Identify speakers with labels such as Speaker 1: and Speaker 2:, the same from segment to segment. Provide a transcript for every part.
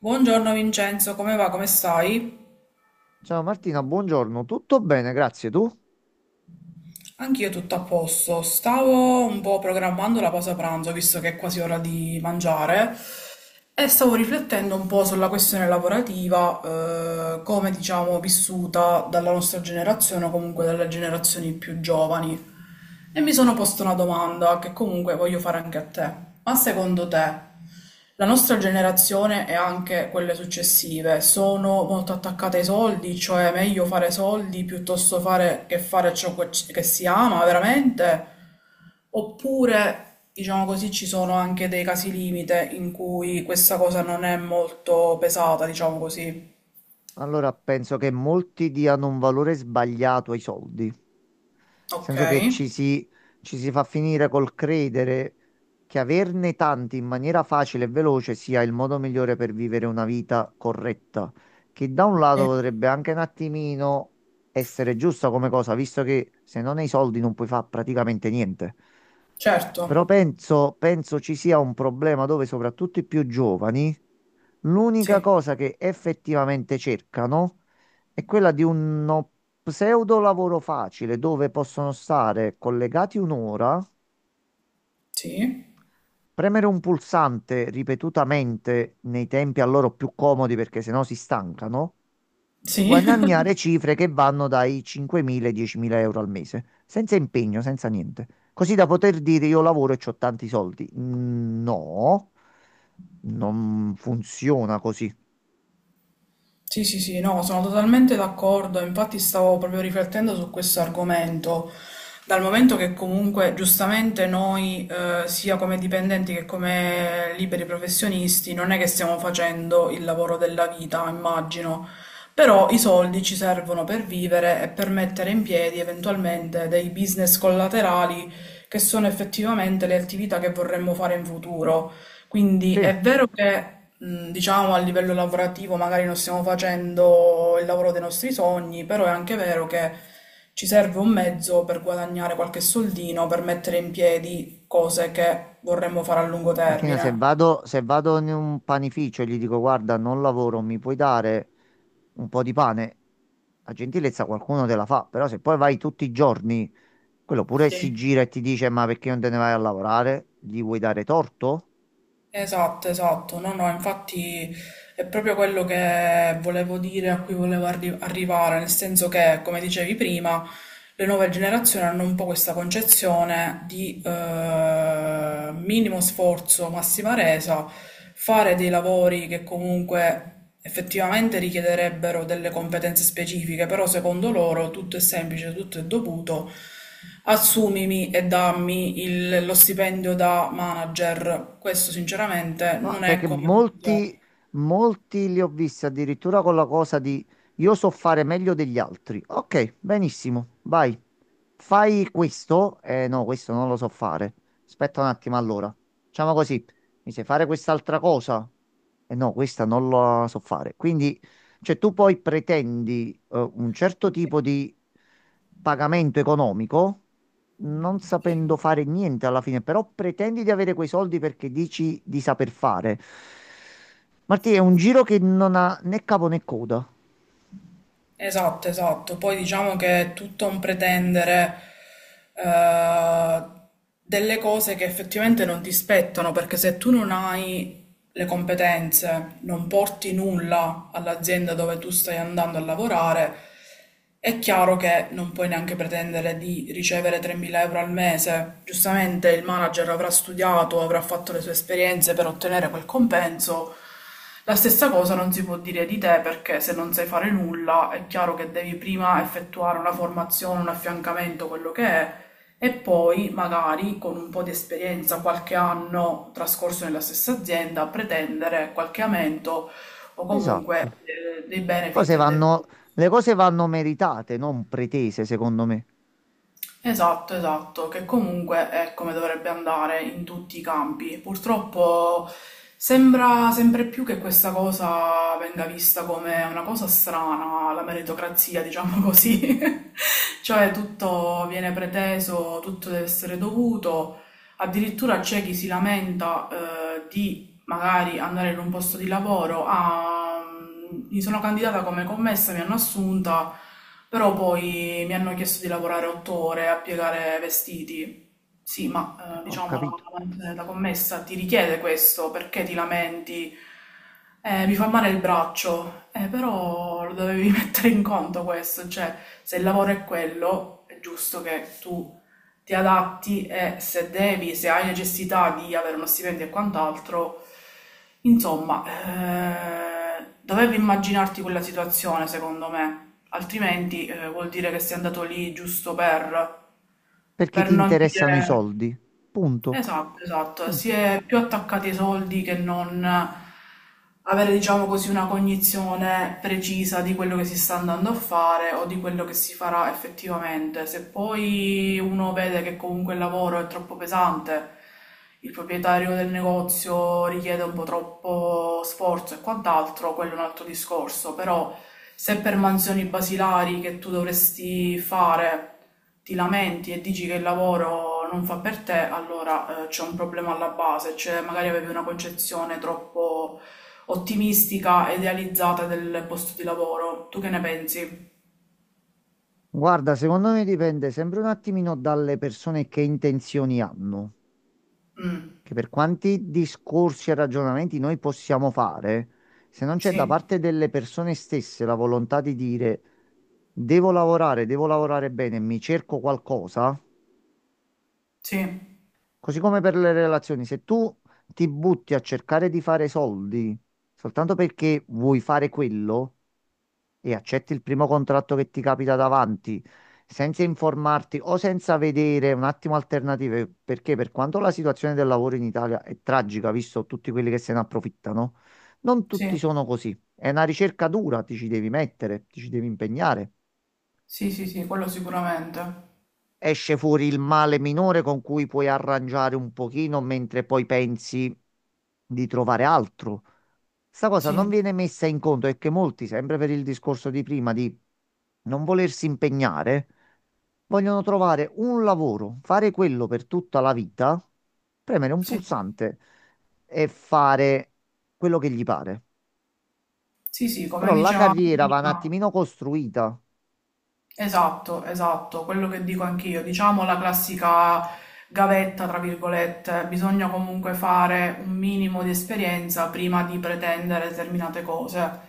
Speaker 1: Buongiorno Vincenzo, come va? Come stai?
Speaker 2: Ciao Martina, buongiorno. Tutto bene, grazie. Tu?
Speaker 1: Anch'io tutto a posto. Stavo un po' programmando la pausa pranzo, visto che è quasi ora di mangiare, e stavo riflettendo un po' sulla questione lavorativa, come diciamo vissuta dalla nostra generazione o comunque dalle generazioni più giovani. E mi sono posto una domanda che comunque voglio fare anche a te. Ma secondo te la nostra generazione e anche quelle successive sono molto attaccate ai soldi? Cioè è meglio fare soldi piuttosto fare che fare ciò che si ama veramente? Oppure, diciamo così, ci sono anche dei casi limite in cui questa cosa non è molto pesata, diciamo così.
Speaker 2: Allora, penso che molti diano un valore sbagliato ai soldi, nel
Speaker 1: Ok?
Speaker 2: senso che ci si fa finire col credere che averne tanti in maniera facile e veloce sia il modo migliore per vivere una vita corretta, che da un lato
Speaker 1: Sì.
Speaker 2: potrebbe anche un attimino essere giusta come cosa, visto che se non hai soldi non puoi fare praticamente niente.
Speaker 1: Certo.
Speaker 2: Però penso ci sia un problema dove soprattutto i più giovani l'unica
Speaker 1: Sì.
Speaker 2: cosa che effettivamente cercano è quella di uno pseudo lavoro facile dove possono stare collegati un'ora,
Speaker 1: Sì.
Speaker 2: premere un pulsante ripetutamente nei tempi a loro più comodi perché sennò si stancano e
Speaker 1: Sì.
Speaker 2: guadagnare cifre che vanno dai 5.000 ai 10.000 euro al mese, senza impegno, senza niente. Così da poter dire io lavoro e ho tanti soldi. Mm, no, non funziona così.
Speaker 1: Sì, sì, sì, no, sono totalmente d'accordo, infatti stavo proprio riflettendo su questo argomento, dal momento che comunque giustamente noi, sia come dipendenti che come liberi professionisti, non è che stiamo facendo il lavoro della vita, immagino, però i soldi ci servono per vivere e per mettere in piedi eventualmente dei business collaterali che sono effettivamente le attività che vorremmo fare in futuro. Quindi
Speaker 2: Te
Speaker 1: è vero che, diciamo, a livello lavorativo magari non stiamo facendo il lavoro dei nostri sogni, però è anche vero che ci serve un mezzo per guadagnare qualche soldino, per mettere in piedi cose che vorremmo fare a lungo
Speaker 2: Martina, se
Speaker 1: termine.
Speaker 2: vado, se vado in un panificio e gli dico, guarda, non lavoro, mi puoi dare un po' di pane? La gentilezza qualcuno te la fa, però se poi vai tutti i giorni, quello pure si
Speaker 1: Sì.
Speaker 2: gira e ti dice, ma perché non te ne vai a lavorare? Gli vuoi dare torto?
Speaker 1: Esatto, esatto. No, no, infatti è proprio quello che volevo dire, a cui volevo arrivare, nel senso che, come dicevi prima, le nuove generazioni hanno un po' questa concezione di minimo sforzo, massima resa, fare dei lavori che comunque effettivamente richiederebbero delle competenze specifiche, però secondo loro tutto è semplice, tutto è dovuto. Assumimi e dammi lo stipendio da manager. Questo sinceramente
Speaker 2: No,
Speaker 1: non è
Speaker 2: perché
Speaker 1: come funziona.
Speaker 2: molti li ho visti addirittura con la cosa di io so fare meglio degli altri. Ok, benissimo, vai. Fai questo? Eh no, questo non lo so fare. Aspetta un attimo allora. Facciamo così. Mi sai fare quest'altra cosa? Eh no, questa non la so fare. Quindi cioè, tu poi pretendi un certo tipo di pagamento economico, non sapendo
Speaker 1: Sì.
Speaker 2: fare niente alla fine, però pretendi di avere quei soldi perché dici di saper fare. Martì, è un giro che non ha né capo né coda.
Speaker 1: Esatto, esatto. Poi diciamo che è tutto un pretendere eh, delle cose che effettivamente non ti spettano, perché se tu non hai le competenze, non porti nulla all'azienda dove tu stai andando a lavorare, è chiaro che non puoi neanche pretendere di ricevere 3.000 euro al mese. Giustamente il manager avrà studiato, avrà fatto le sue esperienze per ottenere quel compenso. La stessa cosa non si può dire di te perché se non sai fare nulla è chiaro che devi prima effettuare una formazione, un affiancamento, quello che è, e poi magari con un po' di esperienza, qualche anno trascorso nella stessa azienda, pretendere qualche aumento o comunque
Speaker 2: Esatto.
Speaker 1: dei benefit
Speaker 2: Cose
Speaker 1: e dei
Speaker 2: vanno- le cose vanno meritate, non pretese, secondo me.
Speaker 1: Esatto, esatto, che comunque è come dovrebbe andare in tutti i campi. Purtroppo sembra sempre più che questa cosa venga vista come una cosa strana, la meritocrazia, diciamo così. Cioè tutto viene preteso, tutto deve essere dovuto. Addirittura c'è chi si lamenta, di magari andare in un posto di lavoro, ah, mi sono candidata come commessa, mi hanno assunta, però poi mi hanno chiesto di lavorare otto ore a piegare vestiti. Sì, ma
Speaker 2: Ho
Speaker 1: diciamo
Speaker 2: capito.
Speaker 1: la commessa ti richiede questo, perché ti lamenti? Mi fa male il braccio. Però lo dovevi mettere in conto questo, cioè se il lavoro è quello, è giusto che tu ti adatti e se devi, se hai necessità di avere uno stipendio e quant'altro, insomma, dovevi immaginarti quella situazione, secondo me, altrimenti vuol dire che sei andato lì giusto
Speaker 2: Perché
Speaker 1: per
Speaker 2: ti
Speaker 1: non
Speaker 2: interessano i
Speaker 1: dire.
Speaker 2: soldi. Punto.
Speaker 1: Esatto, esatto, si
Speaker 2: Punto.
Speaker 1: è più attaccati ai soldi che non avere, diciamo così, una cognizione precisa di quello che si sta andando a fare o di quello che si farà effettivamente. Se poi uno vede che comunque il lavoro è troppo pesante, il proprietario del negozio richiede un po' troppo sforzo e quant'altro, quello è un altro discorso, però se per mansioni basilari che tu dovresti fare ti lamenti e dici che il lavoro non fa per te, allora c'è un problema alla base, cioè magari avevi una concezione troppo ottimistica, e idealizzata del posto di lavoro. Tu che ne pensi?
Speaker 2: Guarda, secondo me dipende sempre un attimino dalle persone che intenzioni hanno,
Speaker 1: Mm,
Speaker 2: che per quanti discorsi e ragionamenti noi possiamo fare, se non c'è da
Speaker 1: sì,
Speaker 2: parte delle persone stesse la volontà di dire devo lavorare bene, mi cerco qualcosa,
Speaker 1: sì,
Speaker 2: così come per le relazioni, se tu ti butti a cercare di fare soldi soltanto perché vuoi fare quello, e accetti il primo contratto che ti capita davanti, senza informarti o senza vedere un attimo alternative, perché per quanto la situazione del lavoro in Italia è tragica, visto tutti quelli che se ne approfittano, non tutti
Speaker 1: sì,
Speaker 2: sono così. È una ricerca dura, ti ci devi mettere, ti ci devi impegnare,
Speaker 1: sì, sì, sì, quello sicuramente.
Speaker 2: esce fuori il male minore con cui puoi arrangiare un pochino mentre poi pensi di trovare altro. Sta cosa non
Speaker 1: Sì,
Speaker 2: viene messa in conto, e che molti, sempre per il discorso di prima di non volersi impegnare, vogliono trovare un lavoro, fare quello per tutta la vita, premere un
Speaker 1: sì,
Speaker 2: pulsante e fare quello che gli pare.
Speaker 1: sì, sì, come
Speaker 2: Però la
Speaker 1: dicevamo
Speaker 2: carriera va un
Speaker 1: prima.
Speaker 2: attimino costruita.
Speaker 1: Esatto, esatto, quello che dico anch'io, diciamo la classica gavetta, tra virgolette, bisogna comunque fare un minimo di esperienza prima di pretendere determinate cose.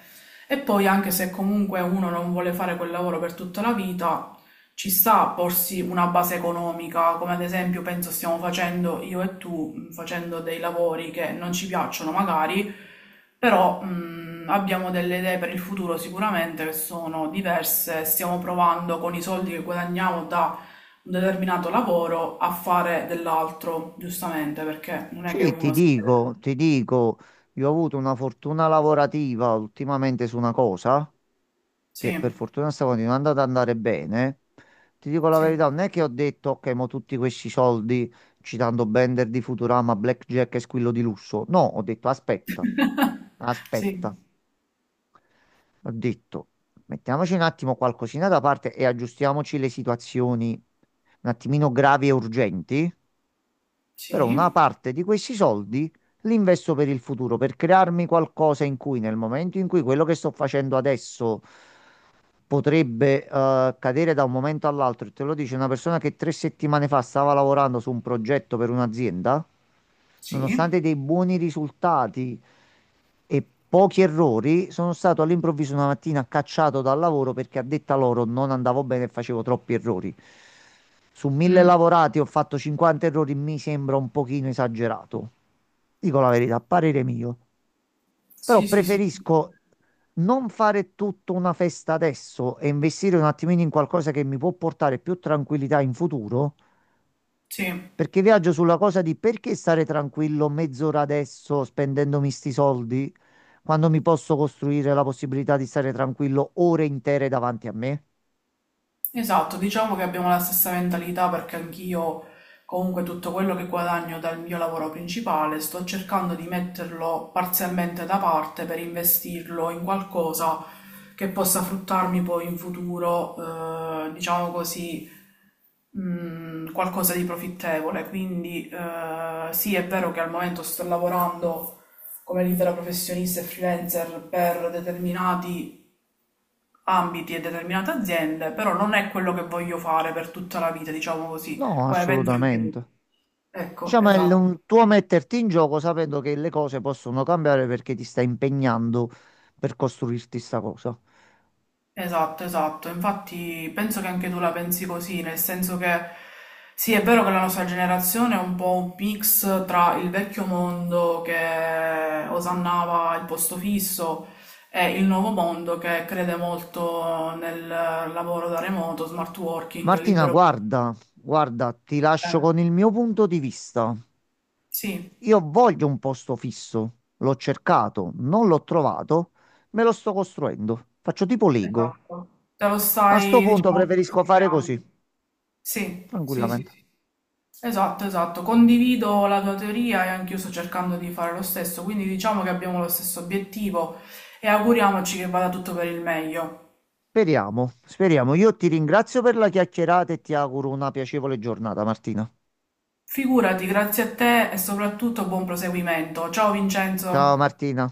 Speaker 1: E poi anche se comunque uno non vuole fare quel lavoro per tutta la vita, ci sta a porsi una base economica, come ad esempio penso stiamo facendo io e tu, facendo dei lavori che non ci piacciono magari però abbiamo delle idee per il futuro sicuramente che sono diverse, stiamo provando con i soldi che guadagniamo da un determinato lavoro a fare dell'altro, giustamente, perché non è che
Speaker 2: Sì, ti
Speaker 1: uno si...
Speaker 2: dico, ti dico, io ho avuto una fortuna lavorativa ultimamente su una cosa
Speaker 1: Sì,
Speaker 2: che per fortuna sta continuando ad andare bene. Ti dico la
Speaker 1: sì,
Speaker 2: verità, non è che ho detto, ok, mo tutti questi soldi, citando Bender di Futurama, Blackjack e Squillo di Lusso. No, ho detto, aspetta,
Speaker 1: sì,
Speaker 2: aspetta, ho detto, mettiamoci un attimo qualcosina da parte e aggiustiamoci le situazioni un attimino gravi e urgenti, però una
Speaker 1: sì,
Speaker 2: parte di questi soldi li investo per il futuro, per crearmi qualcosa in cui nel momento in cui quello che sto facendo adesso potrebbe cadere da un momento all'altro, e te lo dice una persona che 3 settimane fa stava lavorando su un progetto per un'azienda,
Speaker 1: sì,
Speaker 2: nonostante dei buoni risultati e pochi errori, sono stato all'improvviso una mattina cacciato dal lavoro perché a detta loro non andavo bene e facevo troppi errori. Su 1.000
Speaker 1: mm,
Speaker 2: lavorati ho fatto 50 errori, mi sembra un pochino esagerato. Dico la verità, a parere mio. Però
Speaker 1: sì, sì, sì,
Speaker 2: preferisco non fare tutta una festa adesso e investire un attimino in qualcosa che mi può portare più tranquillità in futuro,
Speaker 1: sì.
Speaker 2: perché viaggio sulla cosa di perché stare tranquillo mezz'ora adesso spendendomi sti soldi quando mi posso costruire la possibilità di stare tranquillo ore intere davanti a me?
Speaker 1: Esatto, diciamo che abbiamo la stessa mentalità perché anch'io comunque tutto quello che guadagno dal mio lavoro principale sto cercando di metterlo parzialmente da parte per investirlo in qualcosa che possa fruttarmi poi in futuro, diciamo così, qualcosa di profittevole. Quindi sì, è vero che al momento sto lavorando come libera professionista e freelancer per determinati ambiti e determinate aziende, però non è quello che voglio fare per tutta la vita, diciamo così,
Speaker 2: No,
Speaker 1: come penso anche tu.
Speaker 2: assolutamente.
Speaker 1: Ecco,
Speaker 2: Diciamo, è l-
Speaker 1: esatto,
Speaker 2: un tuo metterti in gioco sapendo che le cose possono cambiare perché ti stai impegnando per costruirti sta cosa.
Speaker 1: esatto, esatto. Infatti penso che anche tu la pensi così, nel senso che sì, è vero che la nostra generazione è un po' un mix tra il vecchio mondo che osannava il posto fisso e il nuovo mondo che crede molto nel lavoro da remoto, smart working,
Speaker 2: Martina,
Speaker 1: libero.
Speaker 2: guarda, guarda, ti lascio
Speaker 1: Eh,
Speaker 2: con il mio punto di vista.
Speaker 1: sì.
Speaker 2: Io voglio un posto fisso, l'ho cercato, non l'ho trovato, me lo sto costruendo. Faccio tipo Lego.
Speaker 1: Esatto, te lo
Speaker 2: A sto
Speaker 1: stai,
Speaker 2: punto
Speaker 1: diciamo,
Speaker 2: preferisco fare
Speaker 1: creando.
Speaker 2: così,
Speaker 1: Sì, sì, sì,
Speaker 2: tranquillamente.
Speaker 1: sì. Esatto, esatto. Condivido la tua teoria e anch'io sto cercando di fare lo stesso, quindi diciamo che abbiamo lo stesso obiettivo e auguriamoci che vada tutto per il meglio.
Speaker 2: Speriamo, speriamo. Io ti ringrazio per la chiacchierata e ti auguro una piacevole giornata, Martina.
Speaker 1: Figurati, grazie a te e soprattutto buon proseguimento. Ciao
Speaker 2: Ciao
Speaker 1: Vincenzo.
Speaker 2: Martina.